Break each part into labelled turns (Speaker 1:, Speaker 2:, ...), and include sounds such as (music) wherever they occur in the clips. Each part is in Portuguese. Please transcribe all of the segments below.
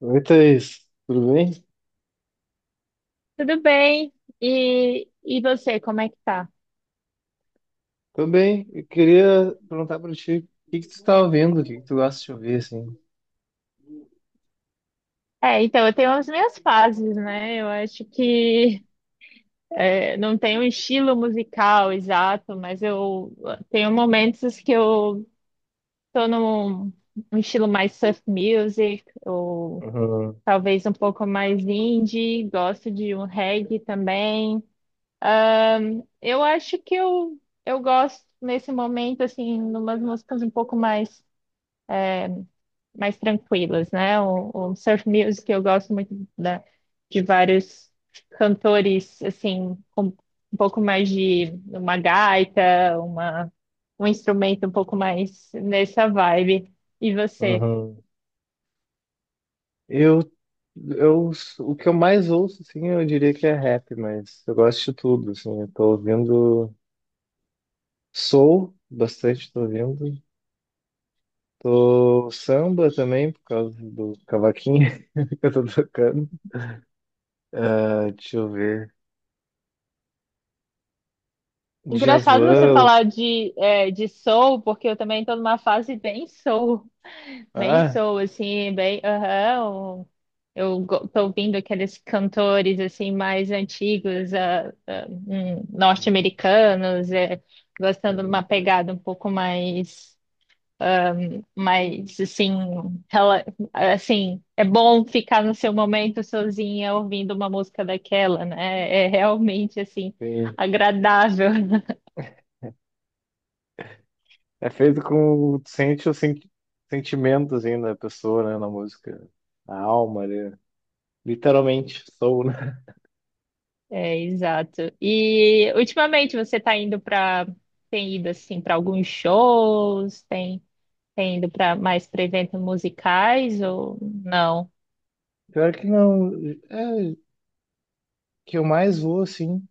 Speaker 1: Oi, Thaís, tudo bem?
Speaker 2: Tudo bem? E você, como é que tá?
Speaker 1: Tô bem. Eu queria perguntar pra ti, o que que tu tá ouvindo? O que que tu gosta de ouvir, assim?
Speaker 2: É, então, eu tenho as minhas fases, né? Eu acho que é, não tenho um estilo musical exato, mas eu tenho momentos que eu tô num estilo mais surf music, ou
Speaker 1: Uhum,
Speaker 2: talvez um pouco mais indie, gosto de um reggae também. Eu acho que eu gosto nesse momento, assim, numas músicas um pouco mais, mais tranquilas, né? O surf music eu gosto muito de vários cantores, assim, com um pouco mais de uma gaita, um instrumento um pouco mais nessa vibe. E você?
Speaker 1: uhum. Eu, eu, o que eu mais ouço, assim, eu diria que é rap, mas eu gosto de tudo, assim. Eu tô ouvindo soul, bastante tô ouvindo. Tô samba também, por causa do cavaquinho (laughs) que eu tô tocando. Ah, deixa eu ver.
Speaker 2: Engraçado você
Speaker 1: Djavan,
Speaker 2: falar de soul, porque eu também estou numa fase bem soul. Bem
Speaker 1: ah,
Speaker 2: sou, assim, bem. Aham. Tô ouvindo aqueles cantores, assim, mais antigos, norte-americanos, gostando de uma
Speaker 1: tem,
Speaker 2: pegada um pouco mais, mais assim, rela- assim, é bom ficar no seu momento sozinha ouvindo uma música daquela, né? É realmente, assim,
Speaker 1: tem.
Speaker 2: agradável. (laughs)
Speaker 1: É feito com. Sente o sentimento, assim, da pessoa, né? Na música. A alma ali. Literalmente, sou, né?
Speaker 2: É, exato. E ultimamente você está indo para, tem ido assim para alguns shows, tem, tem ido para mais para eventos musicais ou não?
Speaker 1: (laughs) Pior que não. É, que eu mais vou, assim,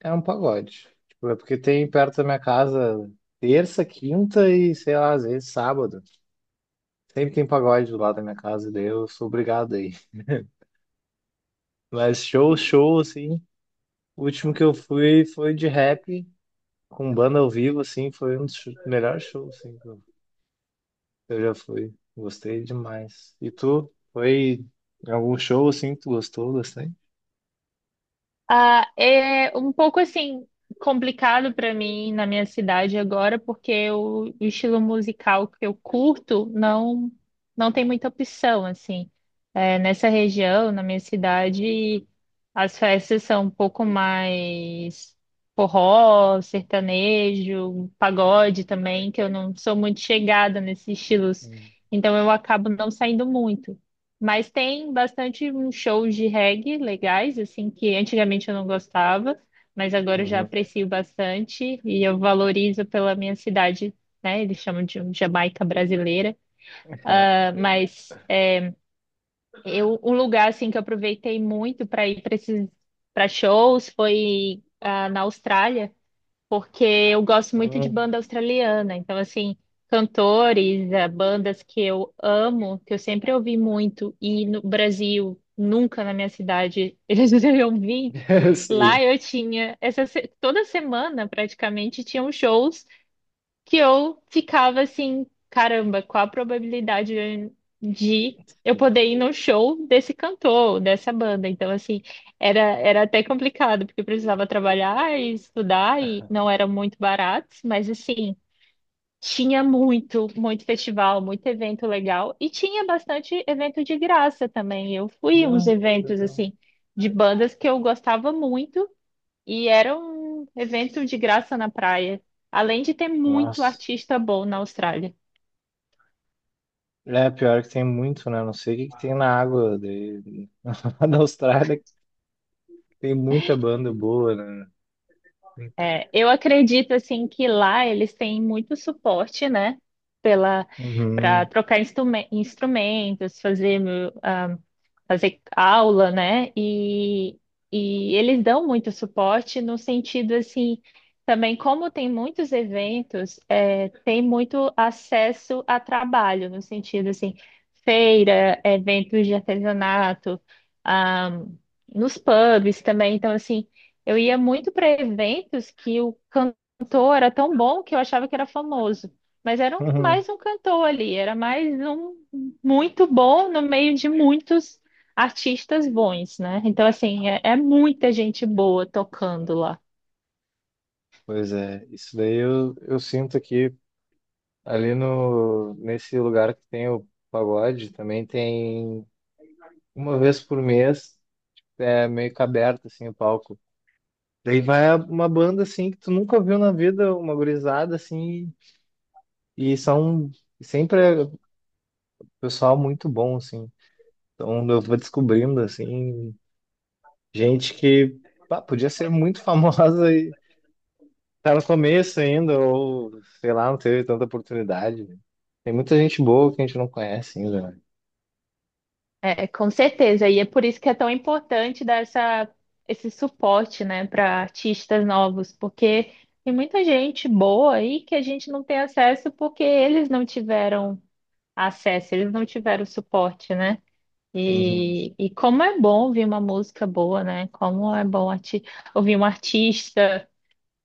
Speaker 1: é um pagode. Tipo, é porque tem perto da minha casa terça, quinta e, sei lá, às vezes sábado. Sempre tem pagode do lado da minha casa, daí eu sou obrigado aí. Mas show, show, assim. O último que eu fui foi de rap, com banda ao vivo, assim. Foi um dos melhores shows, assim. Eu já fui. Gostei demais. E tu? Foi em algum show assim que tu gostou bastante?
Speaker 2: Ah, é um pouco assim complicado para mim na minha cidade agora, porque o estilo musical que eu curto não tem muita opção assim. É, nessa região, na minha cidade, as festas são um pouco mais forró, sertanejo, pagode também, que eu não sou muito chegada nesses estilos,
Speaker 1: Hum.
Speaker 2: então eu acabo não saindo muito. Mas tem bastante uns shows de reggae legais, assim, que antigamente eu não gostava, mas agora eu já
Speaker 1: Uhum.
Speaker 2: aprecio bastante e eu valorizo pela minha cidade, né? Eles chamam de um Jamaica brasileira.
Speaker 1: (laughs)
Speaker 2: Ah, mas é, um lugar, assim, que eu aproveitei muito para ir para esses, para shows foi na Austrália, porque eu gosto muito de
Speaker 1: Hum.
Speaker 2: banda australiana. Então, assim, cantores, bandas que eu amo, que eu sempre ouvi muito, e no Brasil, nunca na minha cidade (laughs) eles deveriam vir.
Speaker 1: (laughs) Sim.
Speaker 2: Lá eu tinha, essa, se- toda semana praticamente tinham shows que eu ficava assim, caramba, qual a probabilidade de eu poder ir no show desse cantor, dessa banda? Então, assim, era até complicado, porque eu precisava trabalhar e estudar, e não era muito barato, mas assim, tinha muito, muito festival, muito evento legal, e tinha bastante evento de graça também. Eu fui em uns
Speaker 1: Bah,
Speaker 2: eventos,
Speaker 1: legal.
Speaker 2: assim, de bandas que eu gostava muito. E era um evento de graça na praia. Além de ter muito
Speaker 1: Nossa.
Speaker 2: artista bom na Austrália.
Speaker 1: É, pior que tem muito, né? Não sei o que que tem na água de... (laughs) da Austrália, que tem muita banda boa, né?
Speaker 2: É, eu acredito assim que lá eles têm muito suporte, né? Pela, para
Speaker 1: Uhum.
Speaker 2: trocar instrumentos, fazer, ah, fazer aula, né? E eles dão muito suporte no sentido assim, também como tem muitos eventos, é, tem muito acesso a trabalho no sentido assim, feira, eventos de artesanato, ah, nos pubs também. Então, assim, eu ia muito para eventos que o cantor era tão bom que eu achava que era famoso, mas era
Speaker 1: Uhum.
Speaker 2: mais um cantor ali, era mais um muito bom no meio de muitos artistas bons, né? Então, assim, é, é muita gente boa tocando lá.
Speaker 1: Pois é, isso daí eu sinto que ali no, nesse lugar que tem o pagode, também tem uma vez por mês é meio que aberto, assim, o palco. Daí vai uma banda, assim, que tu nunca viu na vida, uma gurizada, assim, e são sempre é pessoal muito bom, assim. Então eu vou descobrindo, assim, gente que, pá, podia ser muito (laughs) famosa e tá no começo ainda, ou, sei lá, não teve tanta oportunidade. Tem muita gente boa que a gente não conhece ainda, né?
Speaker 2: É, com certeza, e é por isso que é tão importante dar esse suporte, né, para artistas novos, porque tem muita gente boa aí que a gente não tem acesso porque eles não tiveram acesso, eles não tiveram suporte, né?
Speaker 1: Uhum,
Speaker 2: E como é bom ouvir uma música boa, né? Como é bom arti ouvir um artista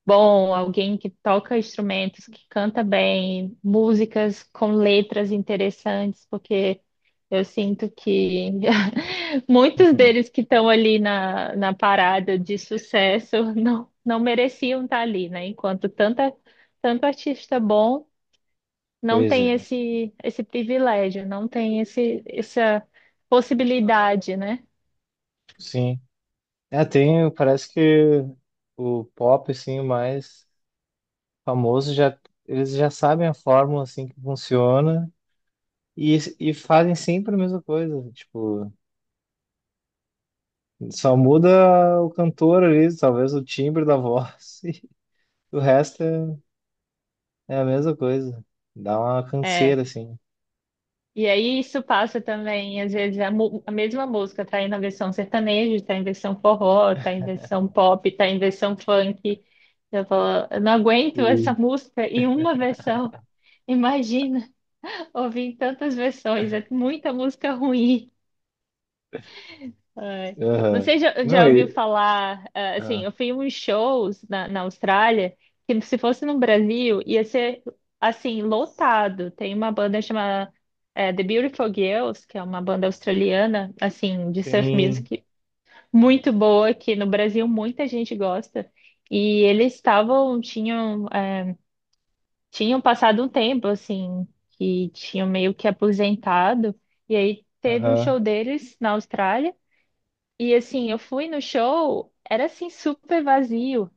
Speaker 2: bom, alguém que toca instrumentos, que canta bem, músicas com letras interessantes, porque eu sinto que (laughs) muitos
Speaker 1: uhum.
Speaker 2: deles que estão ali na parada de sucesso (laughs) não mereciam estar ali, né? Enquanto tanta, tanto artista bom não
Speaker 1: Pois
Speaker 2: tem
Speaker 1: é,
Speaker 2: esse privilégio, não tem essa possibilidade, né?
Speaker 1: sim. É, tem, parece que o pop, assim, mais famoso, já, eles já sabem a fórmula assim que funciona e fazem sempre a mesma coisa. Tipo, só muda o cantor ali, talvez o timbre da voz, (laughs) e o resto é, é a mesma coisa. Dá uma
Speaker 2: É.
Speaker 1: canseira, assim.
Speaker 2: E aí isso passa também, às vezes, a mesma música tá aí na versão sertaneja, tá em versão forró, tá em versão pop, tá em versão funk. Eu falo, eu não aguento essa
Speaker 1: E-
Speaker 2: música em uma versão. Imagina (laughs) ouvir tantas versões, é muita música ruim. Ai.
Speaker 1: aham.
Speaker 2: Você já,
Speaker 1: Não,
Speaker 2: já ouviu
Speaker 1: e.
Speaker 2: falar,
Speaker 1: Ah,
Speaker 2: assim, eu fui em uns shows na Austrália, que se fosse no Brasil, ia ser, assim, lotado. Tem uma banda chamada, The Beautiful Girls, que é uma banda australiana, assim, de surf
Speaker 1: sim.
Speaker 2: music, muito boa, que no Brasil muita gente gosta. E eles tinham passado um tempo, assim, que tinham meio que aposentado, e aí teve um
Speaker 1: Aham.
Speaker 2: show deles na Austrália, e assim, eu fui no show, era assim super vazio.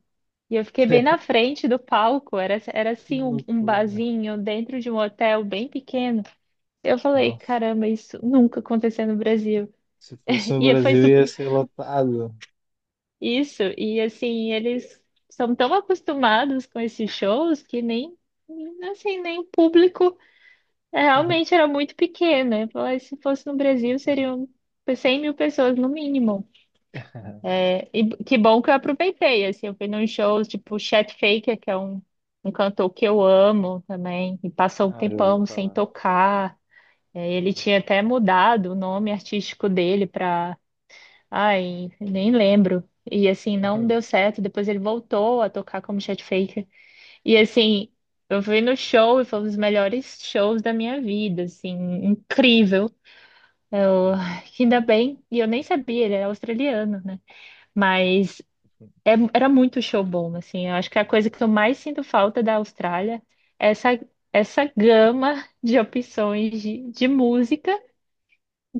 Speaker 2: E eu fiquei bem na
Speaker 1: (laughs)
Speaker 2: frente do palco, era
Speaker 1: Que
Speaker 2: assim um, um
Speaker 1: loucura.
Speaker 2: barzinho dentro de um hotel bem pequeno. Eu falei,
Speaker 1: Nossa.
Speaker 2: caramba, isso nunca aconteceu no Brasil.
Speaker 1: Se fosse no
Speaker 2: E foi
Speaker 1: Brasil,
Speaker 2: su-
Speaker 1: ia ser lotado.
Speaker 2: isso, e assim, eles são tão acostumados com esses shows que nem, assim, nem o público é, realmente
Speaker 1: (laughs)
Speaker 2: era muito pequeno. Eu falei, se fosse no Brasil, seriam 100 mil pessoas no mínimo. E que bom que eu aproveitei, assim, eu fui nos shows, tipo, o Chet Faker, que é um, um cantor que eu amo também, e passou um
Speaker 1: Ah, já ouvi
Speaker 2: tempão sem
Speaker 1: falar.
Speaker 2: tocar. É, ele tinha até mudado o nome artístico dele para, ai, nem lembro. E assim, não
Speaker 1: Uhum.
Speaker 2: deu certo, depois ele voltou a tocar como Chet Faker. E assim, eu fui no show e foi um dos melhores shows da minha vida, assim, incrível. Eu, (sighs) ainda
Speaker 1: Ah,
Speaker 2: bem, e eu nem sabia, ele era australiano, né? Mas era muito show bom, assim. Eu acho que a coisa que eu mais sinto falta da Austrália é essa, essa gama de opções de música.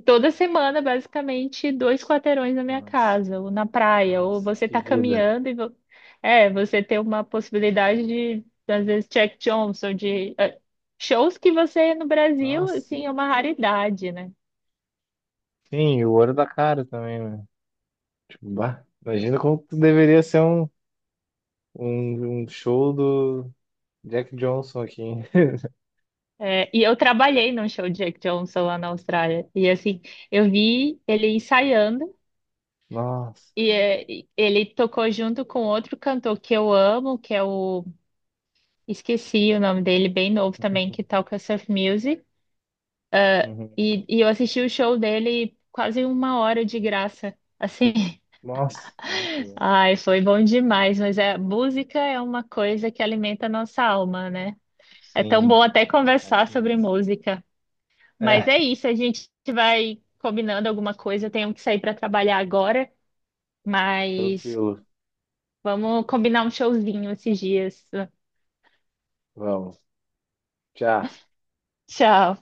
Speaker 2: Toda semana, basicamente, 2 quarteirões na
Speaker 1: (laughs)
Speaker 2: minha
Speaker 1: nossa,
Speaker 2: casa, ou na praia, ou
Speaker 1: nossa,
Speaker 2: você
Speaker 1: que
Speaker 2: tá
Speaker 1: vida.
Speaker 2: caminhando e você tem uma possibilidade de, às vezes, Jack Johnson, de shows que você no Brasil,
Speaker 1: Nossa,
Speaker 2: assim, é uma raridade, né?
Speaker 1: sim, e o ouro da cara também, né? Tipo, bah, imagina como que deveria ser um show do Jack Johnson aqui, hein?
Speaker 2: É, e eu trabalhei num show de Jack Johnson lá na Austrália. E assim, eu vi ele ensaiando.
Speaker 1: (laughs) Nossa,
Speaker 2: E ele tocou junto com outro cantor que eu amo, que é o. Esqueci o nome dele, bem novo também, que toca surf music.
Speaker 1: uhum.
Speaker 2: E eu assisti o show dele quase uma hora de graça. Assim,
Speaker 1: Nossa, muito
Speaker 2: (laughs)
Speaker 1: bom.
Speaker 2: ai, foi bom demais. Mas é música é uma coisa que alimenta a nossa alma, né? É tão
Speaker 1: Sim,
Speaker 2: bom até conversar
Speaker 1: acho
Speaker 2: sobre
Speaker 1: muito.
Speaker 2: música. Mas
Speaker 1: É,
Speaker 2: é isso, a gente vai combinando alguma coisa. Eu tenho que sair para trabalhar agora, mas
Speaker 1: tranquilo.
Speaker 2: vamos combinar um showzinho esses dias.
Speaker 1: Vamos. Tchau.
Speaker 2: Tchau.